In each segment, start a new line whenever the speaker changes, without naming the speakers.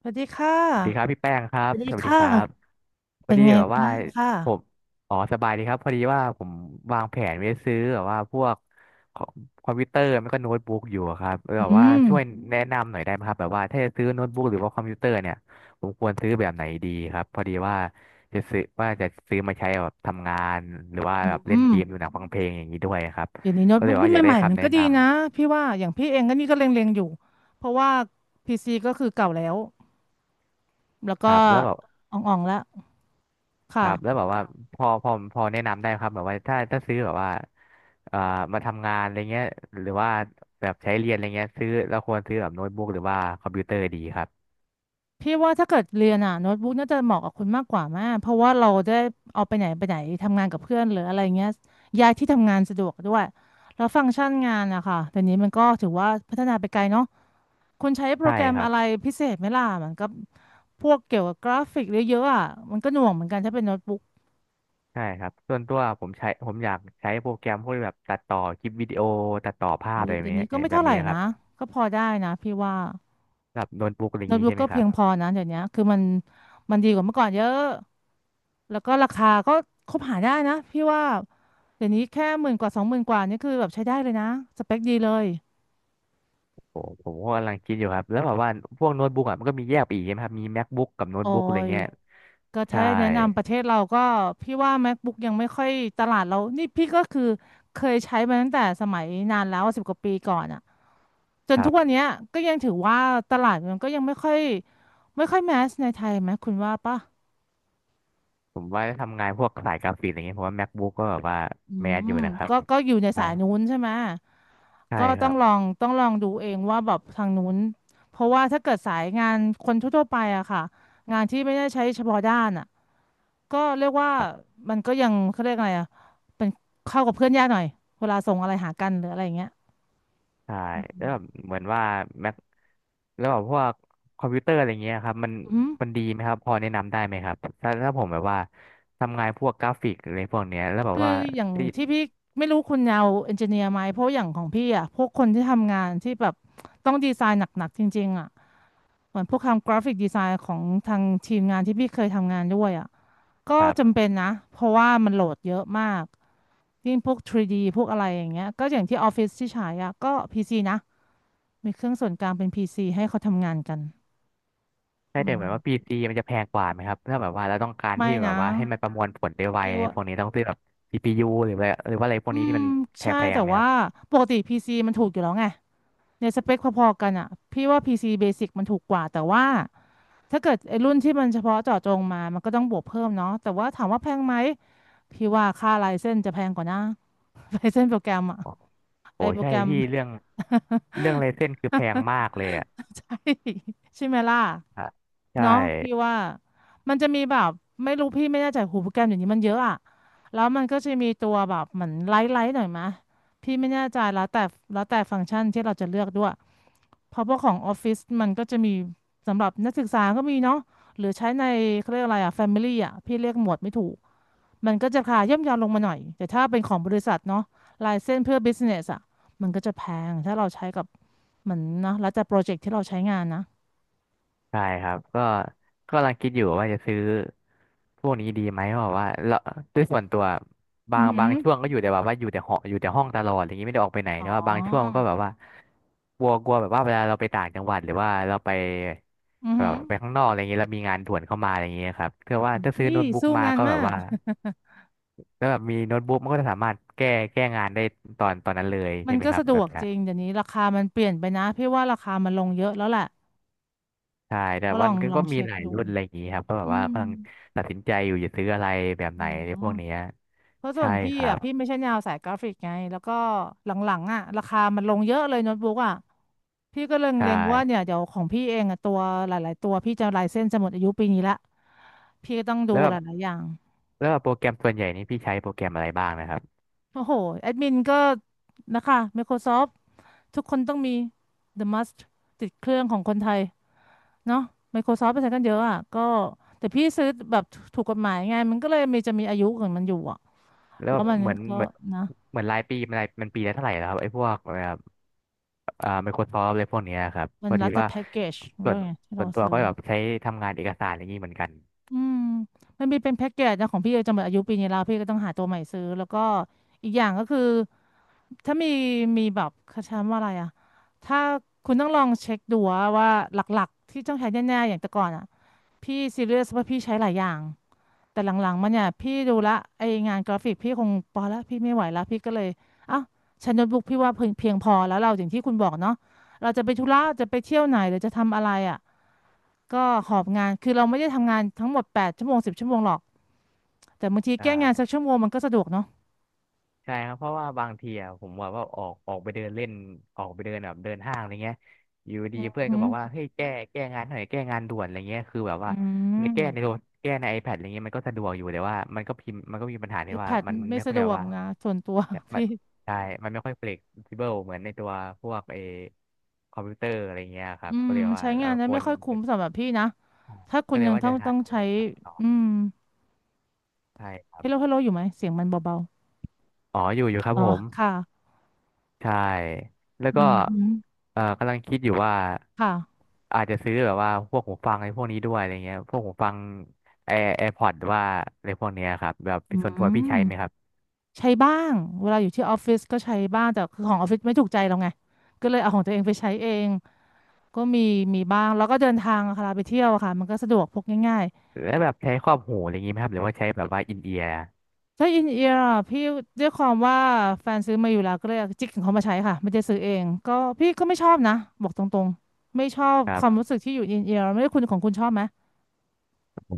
สวัสดีค่ะ
สวัสดีครับพี่แป้งครั
ส
บ
วัสดี
สวัสดี
ค่ะ
ครับพอ
เป็น
ดี
ไง
แบบว่า
บ้างค่ะ
ผมอ๋อสบายดีครับพอดีว่าผมวางแผนไว้ซื้อแบบว่าพวกคอมคอมพิวเตอร์ไม่ก็โน้ตบุ๊กอยู่อะครับแบบ
อื
ว่า
ม
ช่วยแนะนำหน่อยได้ไหมครับแบบว่าถ้าจะซื้อโน้ตบุ๊กหรือว่าคอมพิวเตอร์เนี่ยผมควรซื้อแบบไหนดีครับพอดีว่าจะซื้อว่าจะซื้อมาใช้แบบทำงานหรือว่า
อ
แบบเล่
ื
นเกมดู
ม
หนังฟังเพลงอย่างนี้ด้วยครับ
เดี๋ยวนี้โน้ต
ก็เลย
บุ๊กรุ่
ว่า
น
อยากได้
ใหม่ๆมั
คำ
น
แนะ
ก็
น
ดีนะพี่ว่าอย่างพี่เองก็นี่ก็เล็งๆอยู่เพราะว่า p ีซีก็คือเก่าแล้วแล้ว
ำค
ก็
รับแล้วแบบ
อ่องๆแล้ว
ครับแล้ว
ค่ะ
แบบว่าพอแนะนำได้ไหมครับแบบว่าถ้าซื้อแบบว่าเอ่อมาทำงานอะไรเงี้ยหรือว่าแบบใช้เรียนอะไรเงี้ยซื้อเราควรซื้อแบบโน้ตบุ๊กหรือว่าคอมพิวเตอร์ดีครับ
พี่ว่าถ้าเกิดเรียนอ่ะโน้ตบุ๊กน่าจะเหมาะกับคุณมากกว่าแม่เพราะว่าเราได้เอาไปไหนไปไหนทำงานกับเพื่อนหรืออะไรเงี้ยย้ายที่ทำงานสะดวกด้วยแล้วฟังก์ชันงานอะค่ะแต่นี้มันก็ถือว่าพัฒนาไปไกลเนาะ คุณใช้โปร
ใช่
แกรม
ครับ
อะไรพิเศษไหมล่ะมันก็พวกเกี่ยวกับกราฟิกเยอะๆอ่ะมันก็หน่วงเหมือนกันถ้าเป็นโน้ตบุ๊ก
ใช่ครับส่วนตัวผมอยากใช้โปรแกรมพวกแบบตัดต่อคลิปวิดีโอตัดต่อภาพ
เอา
อะไรแบ
เดี๋
บ
ยว
นี้
นี้ก็ไม่
แบ
เท่า
บ
ไหร่
นี้ครับ
นะก็พอได้นะพี่ว่า
แบบโน้ตบุ๊กอะไรอย่า
โน้
ง
ต
นี้
บุ๊ก
ใช่ไหม
ก็
ค
เพี
รั
ยงพ
บ
อนะเดี๋ยวนี้คือมันดีกว่าเมื่อก่อนเยอะแล้วก็ราคาก็คบหาได้นะพี่ว่าเดี๋ยวนี้แค่หมื่นกว่าสองหมื่นกว่านี่คือแบบใช้ได้เลยนะสเปคดีเลย
ผมก็กำลังคิดอยู่ครับแล้วแบบว่าพวกโน้ตบุ๊กอ่ะมันก็มีแยกไปอีกใช่ไหมครับมี MacBook กับโน้ต
โอ้
บุ๊กอะไร
ย
เงี้ย
ก็ถ้า
ใช่
แนะนำประเทศเราก็พี่ว่า MacBook ยังไม่ค่อยตลาดเรานี่พี่ก็คือเคยใช้มาตั้งแต่สมัยนานแล้วสิบกว่าปีก่อนอ่ะ จนทุกวันเนี้ยก็ยังถือว่าตลาดมันก็ยังไม่ค่อยไม่ค่อยแมสในไทยไหมคุณว่าป่ะ
ผมว่าทำงานพวกสายกราฟิกอะไรเงี้ยผมว่า MacBook ก็แบบว่า
อื
แมสอยู่
ม
นะครับ
ก็อยู่ใน
ใช่
สายนู้นใช่ไหม
ใช่
ก็
ค
ต้อ
รั
ง
บ
ลองต้องลองดูเองว่าแบบทางนู้นเพราะว่าถ้าเกิดสายงานคนทั่วๆไปอะค่ะงานที่ไม่ได้ใช้เฉพาะด้านอะก็เรียกว่า
ครับ
มันก็ยังเขาเรียกอะไรอะเป็นเข้ากับเพื่อนยากหน่อยเวลาส่งอะไรหากันหรืออะไรอย่างเงี้ย
ใช่แล้วแบบเหมือนว่า Mac แล้วแบบพวกคอมพิวเตอร์อะไรเงี้ยครับมัน
อืม
มันดีไหมครับพอแนะนำได้ไหมครับถ้าผมแบบว่าทำงานพวกกราฟิกอะไรพวกเนี้ยแล้วแบบ
คื
ว่า
ออย่าง
ที่
ที่พี่ไม่รู้คุณยาวเอนจิเนียร์ไหมเพราะอย่างของพี่อ่ะพวกคนที่ทำงานที่แบบต้องดีไซน์หนักๆจริงๆอ่ะเหมือนพวกทำกราฟิกดีไซน์ของทางทีมงานที่พี่เคยทำงานด้วยอ่ะก็
ครั
จำ
บ
เป็นนะเพราะว่ามันโหลดเยอะมากยิ่งพวก 3D พวกอะไรอย่างเงี้ยก็อย่างที่ออฟฟิศที่ใช้อ่ะก็ PC นะมีเครื่องส่วนกลางเป็น PC ให้เขาทำงานกัน
ใด้
อื
แต่
ม
เหมือนว่าพีซีมันจะแพงกว่าไหมครับถ้าแบบว่าเราต้องการ
ไม่
ที่แบ
นะ
บว่าให้มันประมวลผลได้ไว
เรียก
อะไร
ว่า
พวกนี้ต้องซื้อแบบ CPU หรือว่าอะไรพวก
อื
นี้ที่
ม
มัน
ใช่
แพง
แต่
ๆไหมค
ว่า
รับ
ปกติพีซีมันถูกอยู่แล้วไง ในสเปคพอๆกันอ่ะพี่ว่า PC Basic มันถูกกว่าแต่ว่าถ้าเกิดไอ้รุ่นที่มันเฉพาะเจาะจงมามันก็ต้องบวกเพิ่มเนาะแต่ว่าถามว่าแพงไหมพี่ว่าค่าไลเซนส์จะแพงกว่านะ ไลเซนส์โปรแกรมอ่ะ
โอ้
ไอ้โปร
ใช่
แกรม
พี่เรื่องเรื่องไรเส้นคือแพงมากเลยอะ
ใช่ ใช่ไหมล่ะ
ฮะใช่
เนาะพี่ว่ามันจะมีแบบไม่รู้พี่ไม่แน่ใจหูโปรแกรมอย่างนี้มันเยอะอะแล้วมันก็จะมีตัวแบบเหมือนไลท์ไลท์หน่อยมะพี่ไม่แน่ใจแล้วแต่ฟังก์ชันที่เราจะเลือกด้วยเพราะว่าของออฟฟิศมันก็จะมีสำหรับนักศึกษาก็มีเนาะหรือใช้ในเขาเรียกอะไรอะแฟมิลี่อะพี่เรียกหมวดไม่ถูก มันก็จะราคาย่อมเยาวลงมาหน่อยแต่ถ้าเป็นของบริษัทเนาะลายเส้นเพื่อ business อ่ะมันก็จะแพงถ้าเราใช้กับเหมือนนะแล้วแต่โปรเจกต์ที่เราใช้งานนะ
ใช่ครับก็กำลังคิดอยู่ว่าจะซื้อพวกนี้ดีไหมเพราะว่าเราด้วยส่วนตัวบา
อื
ง
อหื
บาง
อ
ช่วงก็อยู่แต่แบบว่าอยู่แต่หออยู่แต่ห้องตลอดอะไรอย่างนี้ไม่ได้ออกไปไหน
อ๋อ
แต่ว่าบางช่วงก็แบบว่ากลัวกลัวแบบว่าเวลาเราไปต่างจังหวัดหรือว่าเราไป
อือ
แบ
หื
บ
อ
ไปข้างนอกอะไรอย่างนี้เรามีงานด่วนเข้ามาอะไรอย่างนี้ครับเพื่อว่าถ้าซื้อ
นี่
โน้ตบุ๊ก
สู้
มา
งาน
ก็แบ
มา
บ
ก
ว่า แล้วแบบมีโน้ตบุ๊กมันก็จะสามารถแก้งานได้ตอนนั้นเลย
มั
ใช่
น
ไหม
ก็
ครับ
สะด
แบ
ว
บ
ก
นี้
จริงเดี๋ยวนี้ราคามันเปลี่ยนไปนะพี่ว่าราคามันลงเยอะแล้วแหละ
ใช่แต่
ก็ล
มั
อ
น
งลอ
ก็
ง
มี
เช็ค
หลาย
ดู
รุ่นอะไรอย่างนี้ครับก็แบ
อื
บว่า
ม
กำลังตัดสินใจอยู่จะซื้ออะไรแบบ
อ๋อ
ไหนในพวกเนี้ย
เพราะส่ว
ใช่
นพี่
ครั
อ่ะ
บ
พี่ไม่ใช่แนวสายกราฟิกไงแล้วก็หลังๆอ่ะราคามันลงเยอะเลยโน้ตบุ๊กอ่ะพี่ก็เล
ใช่
็งๆว่าเนี่ยเดี๋ยวของพี่เองอ่ะตัวหลายๆตัวพี่จะลายเส้นจะหมดอายุปีนี้ละพี่ก็ต้องดู
แล้วแบ
ห
บ
ลายๆอย่าง
แล้วแบบโปรแกรมส่วนใหญ่นี่พี่ใช้โปรแกรมอะไรบ้างนะครับ
โอ้โหแอดมินก็นะคะ Microsoft ทุกคนต้องมี The Must ติดเครื่องของคนไทยเนาะ Microsoft ไปใช้กันเยอะอ่ะก็แต่พี่ซื้อแบบถูกกฎหมายไงมันก็เลยมีจะมีอายุของมันอยู่อ่ะ
แล้ว
แล้
แบ
ว
บ
มัน
เหมือน
ก็
เหมือน
นะ
เหมือนรายปีมันรายมันปีละเท่าไหร่แล้วครับไอ้พวกแบบMicrosoft อะไรพวกเนี้ยครับ
มั
พ
น
อ
รั
ดี
ดแต่
ว่า
แพ็กเกจ
ส่
เรื่
ว
อง
น
ไงที่
ส่
เรา
วนตัว
ซื้อ
ก็แบบใช้ทำงานเอกสารอย่างนี้เหมือนกัน
อืมมันมีเป็นแพ็กเกจนะของพี่จะหมดอายุปีนี้แล้วพี่ก็ต้องหาตัวใหม่ซื้อแล้วก็อีกอย่างก็คือถ้ามีแบบเขาใช้คำว่าอะไรอะถ้าคุณต้องลองเช็คดูว่าหลักๆที่ต้องใช้แน่ๆอย่างแต่ก่อนอะพี่ซีเรียสว่าพี่ใช้หลายอย่างแต่หลังๆมันเนี่ยพี่ดูละไองานกราฟิกพี่คงพอแล้วพี่ไม่ไหวแล้วพี่ก็เลยเอ้าใช้โน้ตบุ๊กพี่ว่าเพียงพอแล้วเราอย่างที่คุณบอกเนาะเราจะไปธุระจะไปเที่ยวไหนหรือจะทำอะไรอะก็หอบงานคือเราไม่ได้ทำงานทั้งหมดแปดชั่วโมงสิบชั่วโมงหรอก แต่บางที
ใช่
แก้งานสักชั่วโมงมันก็สะดวกเนาะ
ใช่ครับเพราะว่าบางทีอะผมแบบว่าออกไปเดินเล่นออกไปเดินแบบเดินห้างอะไรเงี้ยอยู่ดีเพื่อน
อื
ก็บอกว่า
ม
เฮ้ยแก้งานหน่อยแก้งานด่วนอะไรเงี้ยคือแบบ
อื
ว่าในแก้ในโท
ม
รแก้ใน iPad อะไรเงี้ยมันก็สะดวกอยู่แต่ว่ามันก็พิมพ์มันก็มีปัญหา
ไอ
ที่
แพ
ว่า
ด
มัน
ไม่
ไม่ค่
สะ
อ
ด
ยแบ
ว
บ
ก
ว่า
นะส่วนตัว
เน่ยมัน
พี่
ใช่มันไม่ค่อย flexible เหมือนในตัวพวกเอคอมพิวเตอร์อะไรเงี้ยครั
อื
บก็
ม
เลยว่า
ใช้งา
เรา
นแล้
ค
ว
ว
ไม่
ร
ค่อยคุ้มสำหรับพี่นะ ถ้าคุ
ก็
ณ
เล
ยั
ย
ง
ว่า
ต้อ
จะ
ง
หั
ต้อ
ด
ง
เลย
ใช้
ครับต่อ
อืม
ใช่ครับ
ฮัลโหลฮัลโหลอยู่ไหมเสียงมันเบา
อ๋ออยู่ครั
ๆ
บ
อ๋อ
ผม
ค่ะ
ใช่แล้ว
อื
ก็
มฮึ
กำลังคิดอยู่ว่า
ค่ะ
อาจจะซื้อแบบว่าพวกหูฟังไอ้พวกนี้ด้วยอะไรเงี้ยพวกหูฟังแอร์พอดหรือว่าอะไรพวกเนี้ยครับแบบ
อื
ส่วนตัวพี่ใช้
ม
ไหมครับ
ใช้บ้างเวลาอยู่ที่ออฟฟิศก็ใช้บ้างแต่คือของออฟฟิศไม่ถูกใจเราไง ก็เลยเอาของตัวเองไปใช้เอง ก็มีมีบ้างแล้วก็เดินทางอะค่ะเวลาไปเที่ยวอะค่ะมันก็สะดวกพกง่าย
แล้วแบบใช้ครอบหูอะไรอย่างงี้ไหมครับหรือว่าใช้แบบว่าอินเอียร์
ถ้าอินเอียร์อะพี่ด้วยความว่าแฟนซื้อมาอยู่แล้วก็เลยจิกของเขามาใช้ค่ะไม่ได้ซื้อเองก็พี่ก็ไม่ชอบนะบอกตรงๆไม่ชอบ
ครั
ความ
บ
รู้สึกที่อยู่อินเอียร์ไม่ได้คุณของคุณชอบไหม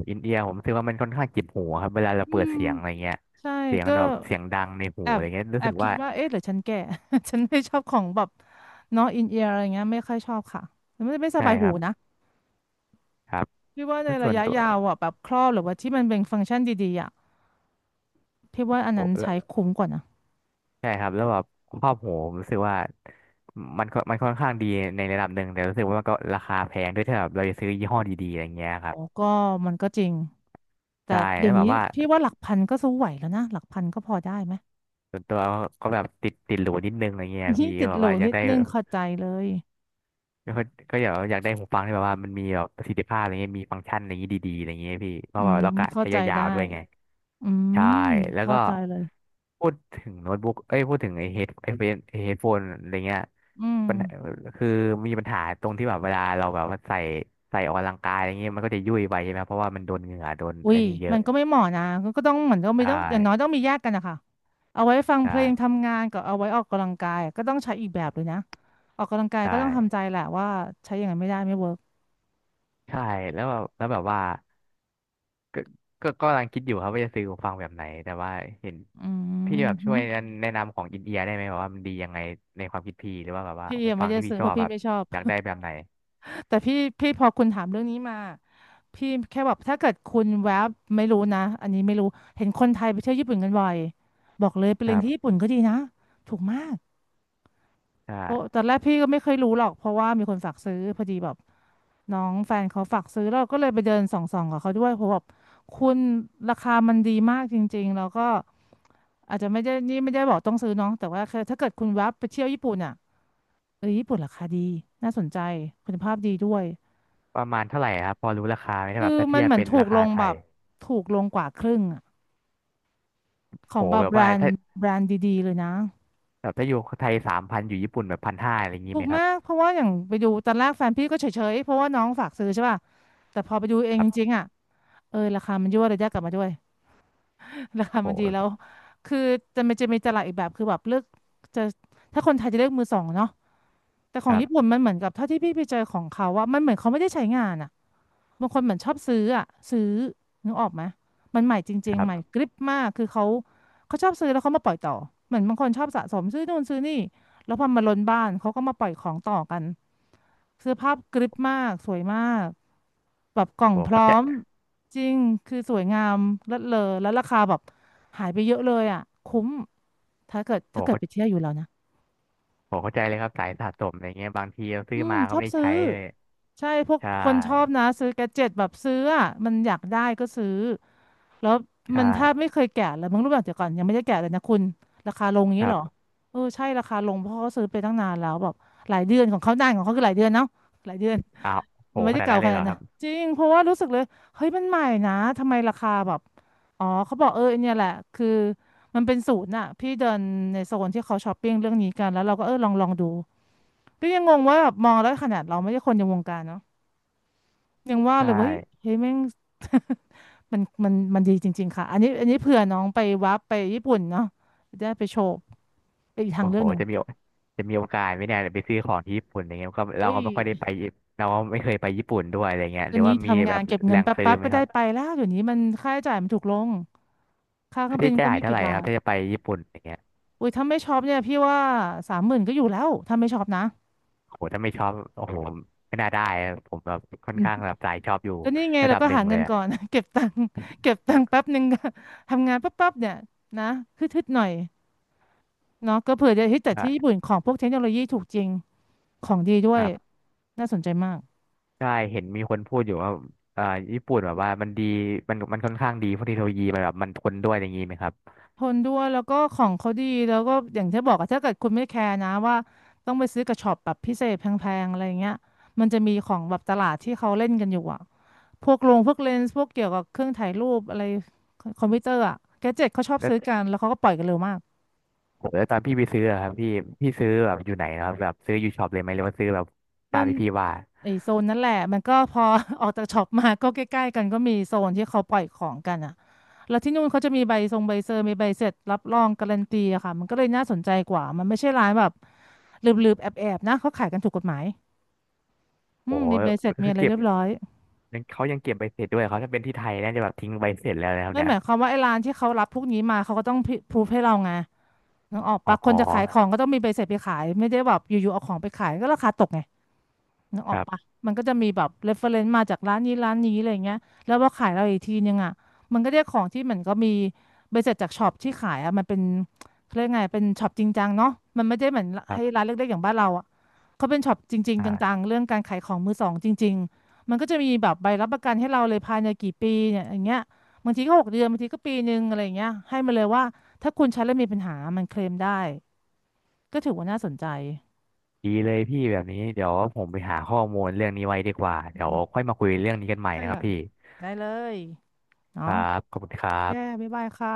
อินเอียร์ผมรู้สึกว่ามันค่อนข้างเจ็บหูครับ เวลาเรา
อื
เปิด
ม
เสียงอะไรเงี้ย
ใช่
เสียง
ก็
แบบเสียงดังในหู
แอ
อะ
บ
ไรเงี้ย
แอ
รู้สึ
บ
ก
คิด
ว่า
ว่าเอ๊ะหรือฉันแก่ ฉันไม่ชอบของแบบเนาะอินเอียร์อะไรเงี้ยไม่ค่อยชอบค่ะไม่ส
ใช่
บาย
ค
หู
รับ
นะ
ครับ
พี่ว่าใน
แล้วส่
ระ
วน
ยะ
ตัว
ยาวอ่ะแบบครอบหรือว่าที่มันเป็นฟังก์ชันดีๆอ่ะพี่ว่าอัน
โอ
นั้นใช้
้
คุ้มกว่านะ
ใช่ครับแล้วแบบครอบโหผมรู้สึกว่ามันก็มันค่อนข้างดีในระดับหนึ่งแต่รู้สึกว่ามันก็ราคาแพงด้วยถ้าแบบเราจะซื้อยี่ห้อดีๆอะไรเงี้ยค
โอ้
รับ
ก็มันก็จริงแต่
ใช่
เดี๋
แล้
ย
ว
ว
แบ
นี้
บว่า
พี่ว่าหลักพันก็สู้ไหวแล้วนะหลักพันก็พอได้ไหม
ส่วนตัวก็แบบติดหรูนิดนึงอะไรเงี้ย
นี่
พี่
ติ
ก็
ด
แบ
จิ
บ
โหล
ว่า
ง
อยา
นิ
ก
ด
ได้
นึงเข้าใจเลย
ก็ก็อยากได้หูฟังที่แบบว่ามันมีแบบประสิทธิภาพอะไรเงี้ยมีฟังก์ชันอะไรเงี้ยดีๆอะไรเงี้ยพี่เพ
อื
ราะว่า
ม
เรากะ
เข้า
ใช้
ใจ
ยา
ได้
วๆด้วยไง
อื
ใช่
ม
แล้ว
เข้า
ก็
ใจเลย
พูดถึงโน้ตบุ๊กเอ้ยพูดถึงไอเฮดโฟนอะไรเงี้ย
อืม
ปัญหาคือมีปัญหาตรงที่แบบเวลาเราแบบว่าใส่ออกกำลังกายอะไรเงี้ยมันก็จะยุ่ยไปใช่ไหมเพราะว่ามันโดนเหงื่อโดน
อุ้
ไอ้
ย
นี่เย
มั
อะ
นก็ไม่เหมาะนะก็ต้องเหมือนต้อง
ใช
มีต้องอย่างน้อย
่
ต้องมีแยกกันนะคะเอาไว้ฟัง
ใช่
เพลงทำงานกับเอาไว้ออกกำลังกายก็ต้องใช้อีกแบบเลยนะออกกำลังกาย
ใช่
ก็ต้องทำใจแหละว่าใช้อย่างนั้นไม่ได้ไม่เวิร์ก
ใช่แล้วแบบว่า ก็ก็กำลังคิดอยู่ครับว่าจะซื้อหูฟังแบบไหน แต่ว่าเห็น
อื
พี่
ม
แบบช่
หึ
วยแนะนำของอินเอียร์ได้ไหมแบบว่ามันดียังไงในความคิดพี่ หรือว่าแบบว่า
พี่
หู
ยัง
ฟั
ไม่
ง
ได้
ที่พี่
ซื้อ
ช
เพ
อ
ราะ
บ
พี่
แบบ
ไม่ชอบ
อยากได้แบบไหน
แต่พี่พอคุณถามเรื่องนี้มา พี่แค่แบบถ้าเกิดคุณแวบไม่รู้นะอันนี้ไม่รู้เห็นคนไทยไปเที่ยวญี่ปุ่นกันบ่อยบอกเลยไป
ค
เรีย
รั
นที่
บ
ญี่ปุ่นก็ดีนะถูกมาก
ใช่
เพราะตอนแรกพี่ก็ไม่เคยรู้หรอกเพราะว่ามีคนฝากซื้อพอดีแบบน้องแฟนเขาฝากซื้อแล้วเราก็เลยไปเดินส่องๆกับเขาด้วยเพราะแบบคุณราคามันดีมากจริงๆแล้วก็อาจจะไม่ได้นี่ไม่ได้บอกต้องซื้อเน้องแต่ว่าแคืถ้าเกิดคุณแวบไปเที่ยวญี่ปุ่นอ่ะเออญี่ปุ่นราคาดีน่าสนใจคุณภาพดีด้วย
ประมาณเท่าไหร่ครับ พอรู้ราคาไหมถ้า
คื
แบบ
อ
ถ้า
มั
เที
น
ยบ
เหมือน
เป็น
ถู
รา
กล
คา
ง
ไท
แบ
ย
บถูกลงกว่าครึ่งอะ ขอ
โห
งแบ
แบ
บ
บ
แบร
ว่า
น
ถ้า
ด์แบรนด์ดีๆเลยนะ
แบบถ้าอยู่ไทยสามพันอยู่ญี่ปุ่นแบบพันห้าอะไรอย่างนี้
ถู
ไหม
ก
ครั
มา
บ
กเพราะว่าอย่างไปดูตอนแรกแฟนพี่ก็เฉยๆเพราะว่าน้องฝากซื้อใช่ป่ะแต่พอไปดูเอง
ครั
จ
บ
ริงๆอ่ะเออราคามันยั่วระยะกลับมาด้วย ราคามันดี
โห
แล้วคือจะมีตลาดอีกแบบคือแบบเลือกจะถ้าคนไทยจะเลือกมือสองเนาะแต่ข
ค
อง
รั
ญี่
บ
ปุ่นมันเหมือนกับเท่าที่พี่ไปเจอของเขาว่ามันเหมือนเขาไม่ได้ใช้งานอ่ะ บางคนเหมือนชอบซื้ออะซื้อนึกออกไหมมันใหม่จ
ค
ริงๆ
รั
ใหม่
บ
กริบมากคือเขาเขาชอบซื้อแล้วเขามาปล่อยต่อเหมือนบางคนชอบสะสมซื้อนู่นซื้อนี่แล้วพอมาล้นบ้านเขาก็มาปล่อยของต่อกันเสื้อผ้ากริบมากสวยมากแบบกล่อง
โห
พร้
เขา
อ
ใจ
มจริงคือสวยงามเลิศเลอแล้วราคาแบบหายไปเยอะเลยอ่ะคุ้ม
โห
ถ้าเกิด
เขา
ไปเที่ยวอยู่แล้วนะ
โหเข้าใจเลยครับสายสะสมอะไรเงี้ยบางทีเราซื้
อื
อ
ม
มาก็
ชอ
ไม่
บ
ได้
ซื้อ
ใช้เลย
ใช่พวก
ใช่
คนชอบนะซื้อแกดเจ็ตแบบซื้ออ่ะมันอยากได้ก็ซื้อแล้ว
ใช่
มันถ้าไม่เคยแกะเลยมึงรู้แบบเดี๋ยวก่อนยังไม่ได้แกะเลยนะคุณราคาลงอย่าง
ค
นี้
รั
เหรอ
บ
เออใช่ราคาลงเพราะเขาซื้อไปตั้งนานแล้วแบบหลายเดือนของเขานานของเขาคือหลายเดือนเนาะหลายเดือน
อ้าวโห
ไม่
ข
ได้
นาด
เก่า
นั้นเล
ข่
ยเหร
นาด
อ
เห
ค
นะ
รับ
จริงเพราะว่ารู้สึกเลยเฮ้ยมันใหม่นะทำไมราคาแบบอ๋อเขาบอกเออเนี่ยแหละคือมันเป็นศูนย์น่ะพี่เดินในโซนที่เขาช้อปปิ้งเรื่องนี้กันแล้วเราก็เออลองลองดู ก็ยังงงว่าแบบมองแล้วขนาดเราไม่ใช่คนในวงการเนาะยังว่า
ใช่
เลยเฮ้ยแม่ง มันดีจริงๆค่ะอันนี้เผื่อน้องไปวับไปญี่ปุ่นเนาะจะได้ไปโชว์ไปนอีกทา
โอ้
งเลื
โห
อกหนึ่ง
จะมีโอกาสไหมเนี่ยไปซื้อของที่ญี่ปุ่นอย่างเงี้ยก็เรา
เฮ้
ก็
ย
ไม่ค่อยได้ไปญี่เราก็ไม่เคยไปญี่ปุ่นด้วยอะไรเงี้ย
ต
ห
อ
รื
น
อ
นี้
ว่ามี
ทำ
แบ
งาน
บ
เก็บ
แห
เงิ
ล่
น
ง
แป
ซื้อ
๊บ
ไห
ๆ
ม
ก็
ค
ได้
รับ
ไปแล้วเดี๋ยวนี้มันค่าใช้จ่ายมันถูกลงค่าเครื่อ
ค่า
งบิ
ใช้
นก็
จ่าย
ไม่
เท่า
กี่
ไหร่ค
บา
รับ
ท
ถ้าจะไปญี่ปุ่นอย่างเงี้ย
อุ้ยถ้าไม่ช็อปเนี่ยพี่ว่า30,000ก็อยู่แล้วถ้าไม่ช็อปนะ
โอ้โหถ้าไม่ชอบโอ้โหไม่น่าได้อะผมแบบค่อ
อื
น
ม
ข้างแบบสายชอบอยู่
ก็นี่ไง
ระ
เรา
ดับ
ก็
หนึ่
หา
งเล
เงิ
ย
น
อะ
ก่อน เก็บตังค์เก็บตังค์แป๊บหนึ่ง ก็ทำงานแป๊บๆเนี่ยนะฮึดๆหน่อย เนาะก็เผื่อจะเฮ้ยแต่ที่ญี่
อ่ะ
ปุ่นของพวกเทคโนโลยีถูกจริงของดีด้ว
ค
ย
รับ
น่าสนใจมาก
ใช่เห็นมีคนพูดอยู่ว่าเอ่อญี่ปุ่นแบบว่ามันดีมันค่อนข้างดีเพราะเทคโนโลยีมันแบบมันทนด้วยอย่างงี้ไหมครับ
ทนด้วยแล้วก็ของเขาดีแล้วก็อย่างที่บอกอะถ้าเกิดคุณไม่แคร์นะว่าต้องไปซื้อกระช็อปแบบพิเศษแพงๆอะไรอย่างเงี้ยมันจะมีของแบบตลาดที่เขาเล่นกันอยู่อะพวกโรงพวกเลนส์พวกเกี่ยวกับเครื่องถ่ายรูปอะไรคอมพิวเตอร์อะแกดเจ็ตเขาชอบซื้อกันแล้วเขาก็ปล่อยกันเร็วมาก
ผมแล้วตอนพี่ไปซื้ออะครับพี่ซื้อแบบอยู่ไหนนะครับแบบซื้ออยู่ช็อปเลยไหมหรือว่าซื้อแบบตา
มั
ม
น
ที่พี่ว่า
ไอโซนนั่นแหละมันก็พอ ออกจากช็อปมาก็ใกล้ๆกันก็มีโซนที่เขาปล่อยของกันอ่ะแล้วที่นู่นเขาจะมีใบทรงใบเซอร์มีใบเสร็จรับรองการันตีอะค่ะมันก็เลยน่าสนใจกว่ามันไม่ใช่ร้านแบบลืบๆแอบๆนะเขาขายกันถูกกฎหมายอื
โอ้
ม
โห
มีใบเสร็จมี
คือ
อะไร
เก็
เรี
บ
ยบร้อย
ยังเขายังเก็บใบเสร็จด้วยเขาถ้าเป็นที่ไทยน่าจะแบบทิ้งใบเสร็จแล้วนะครับ
ไม่
เนี่
ห
ย
มายความว่าไอ้ร้านที่เขารับพวกนี้มาเขาก็ต้องพิพรูฟให้เราไงนึกออกปะคน
อ๋อ
จะขายของก็ต้องมีใบเสร็จไปขายไม่ได้แบบอยู่ๆเอาของไปขายก็ราคาตกไง นึกอ
ค
อก
รั
ปะ
บ
มันก็จะมีแบบ reference มาจากร้านนี้อะไรเงี้ยแล้วพอขายเราอีกทีนึงอ่ะมันก็ได้ของที่เหมือนก็มีใบเสร็จจากช็อปที่ขายอ่ะมันเป็นเขาเรียกไงเป็นช็อปจริงจังเนาะมันไม่ได้เหมือน
ครั
ให้
บ
ร้านเล็กๆอย่างบ้านเราอ่ะเขาเป็นช็อปจริงๆจัง
อ่า
ๆเรื่องการขายของมือสองจริงๆมันก็จะมีแบบใบรับประกันให้เราเลยภายในกี่ปีเนี่ยอย่างเงี้ยบางทีก็6 เดือนบางทีก็ปีนึงอะไรอย่างเงี้ยให้มาเลยว่าถ้าคุณใช้แล้วมีปัญหามันเคลมได้ก็ถือว่าน่าสนใจ
ดีเลยพี่แบบนี้เดี๋ยวผมไปหาข้อมูลเรื่องนี้ไว้ดีกว่าเดี๋ยว
เนาะ
ค่อยมาคุยเรื่องนี้กันใหม่นะครับ
ค่ะ
พี่
ได้เลย
ค
เนาะ
รับขอบคุณครั
แย่
บ
บ๊ายบายค่ะ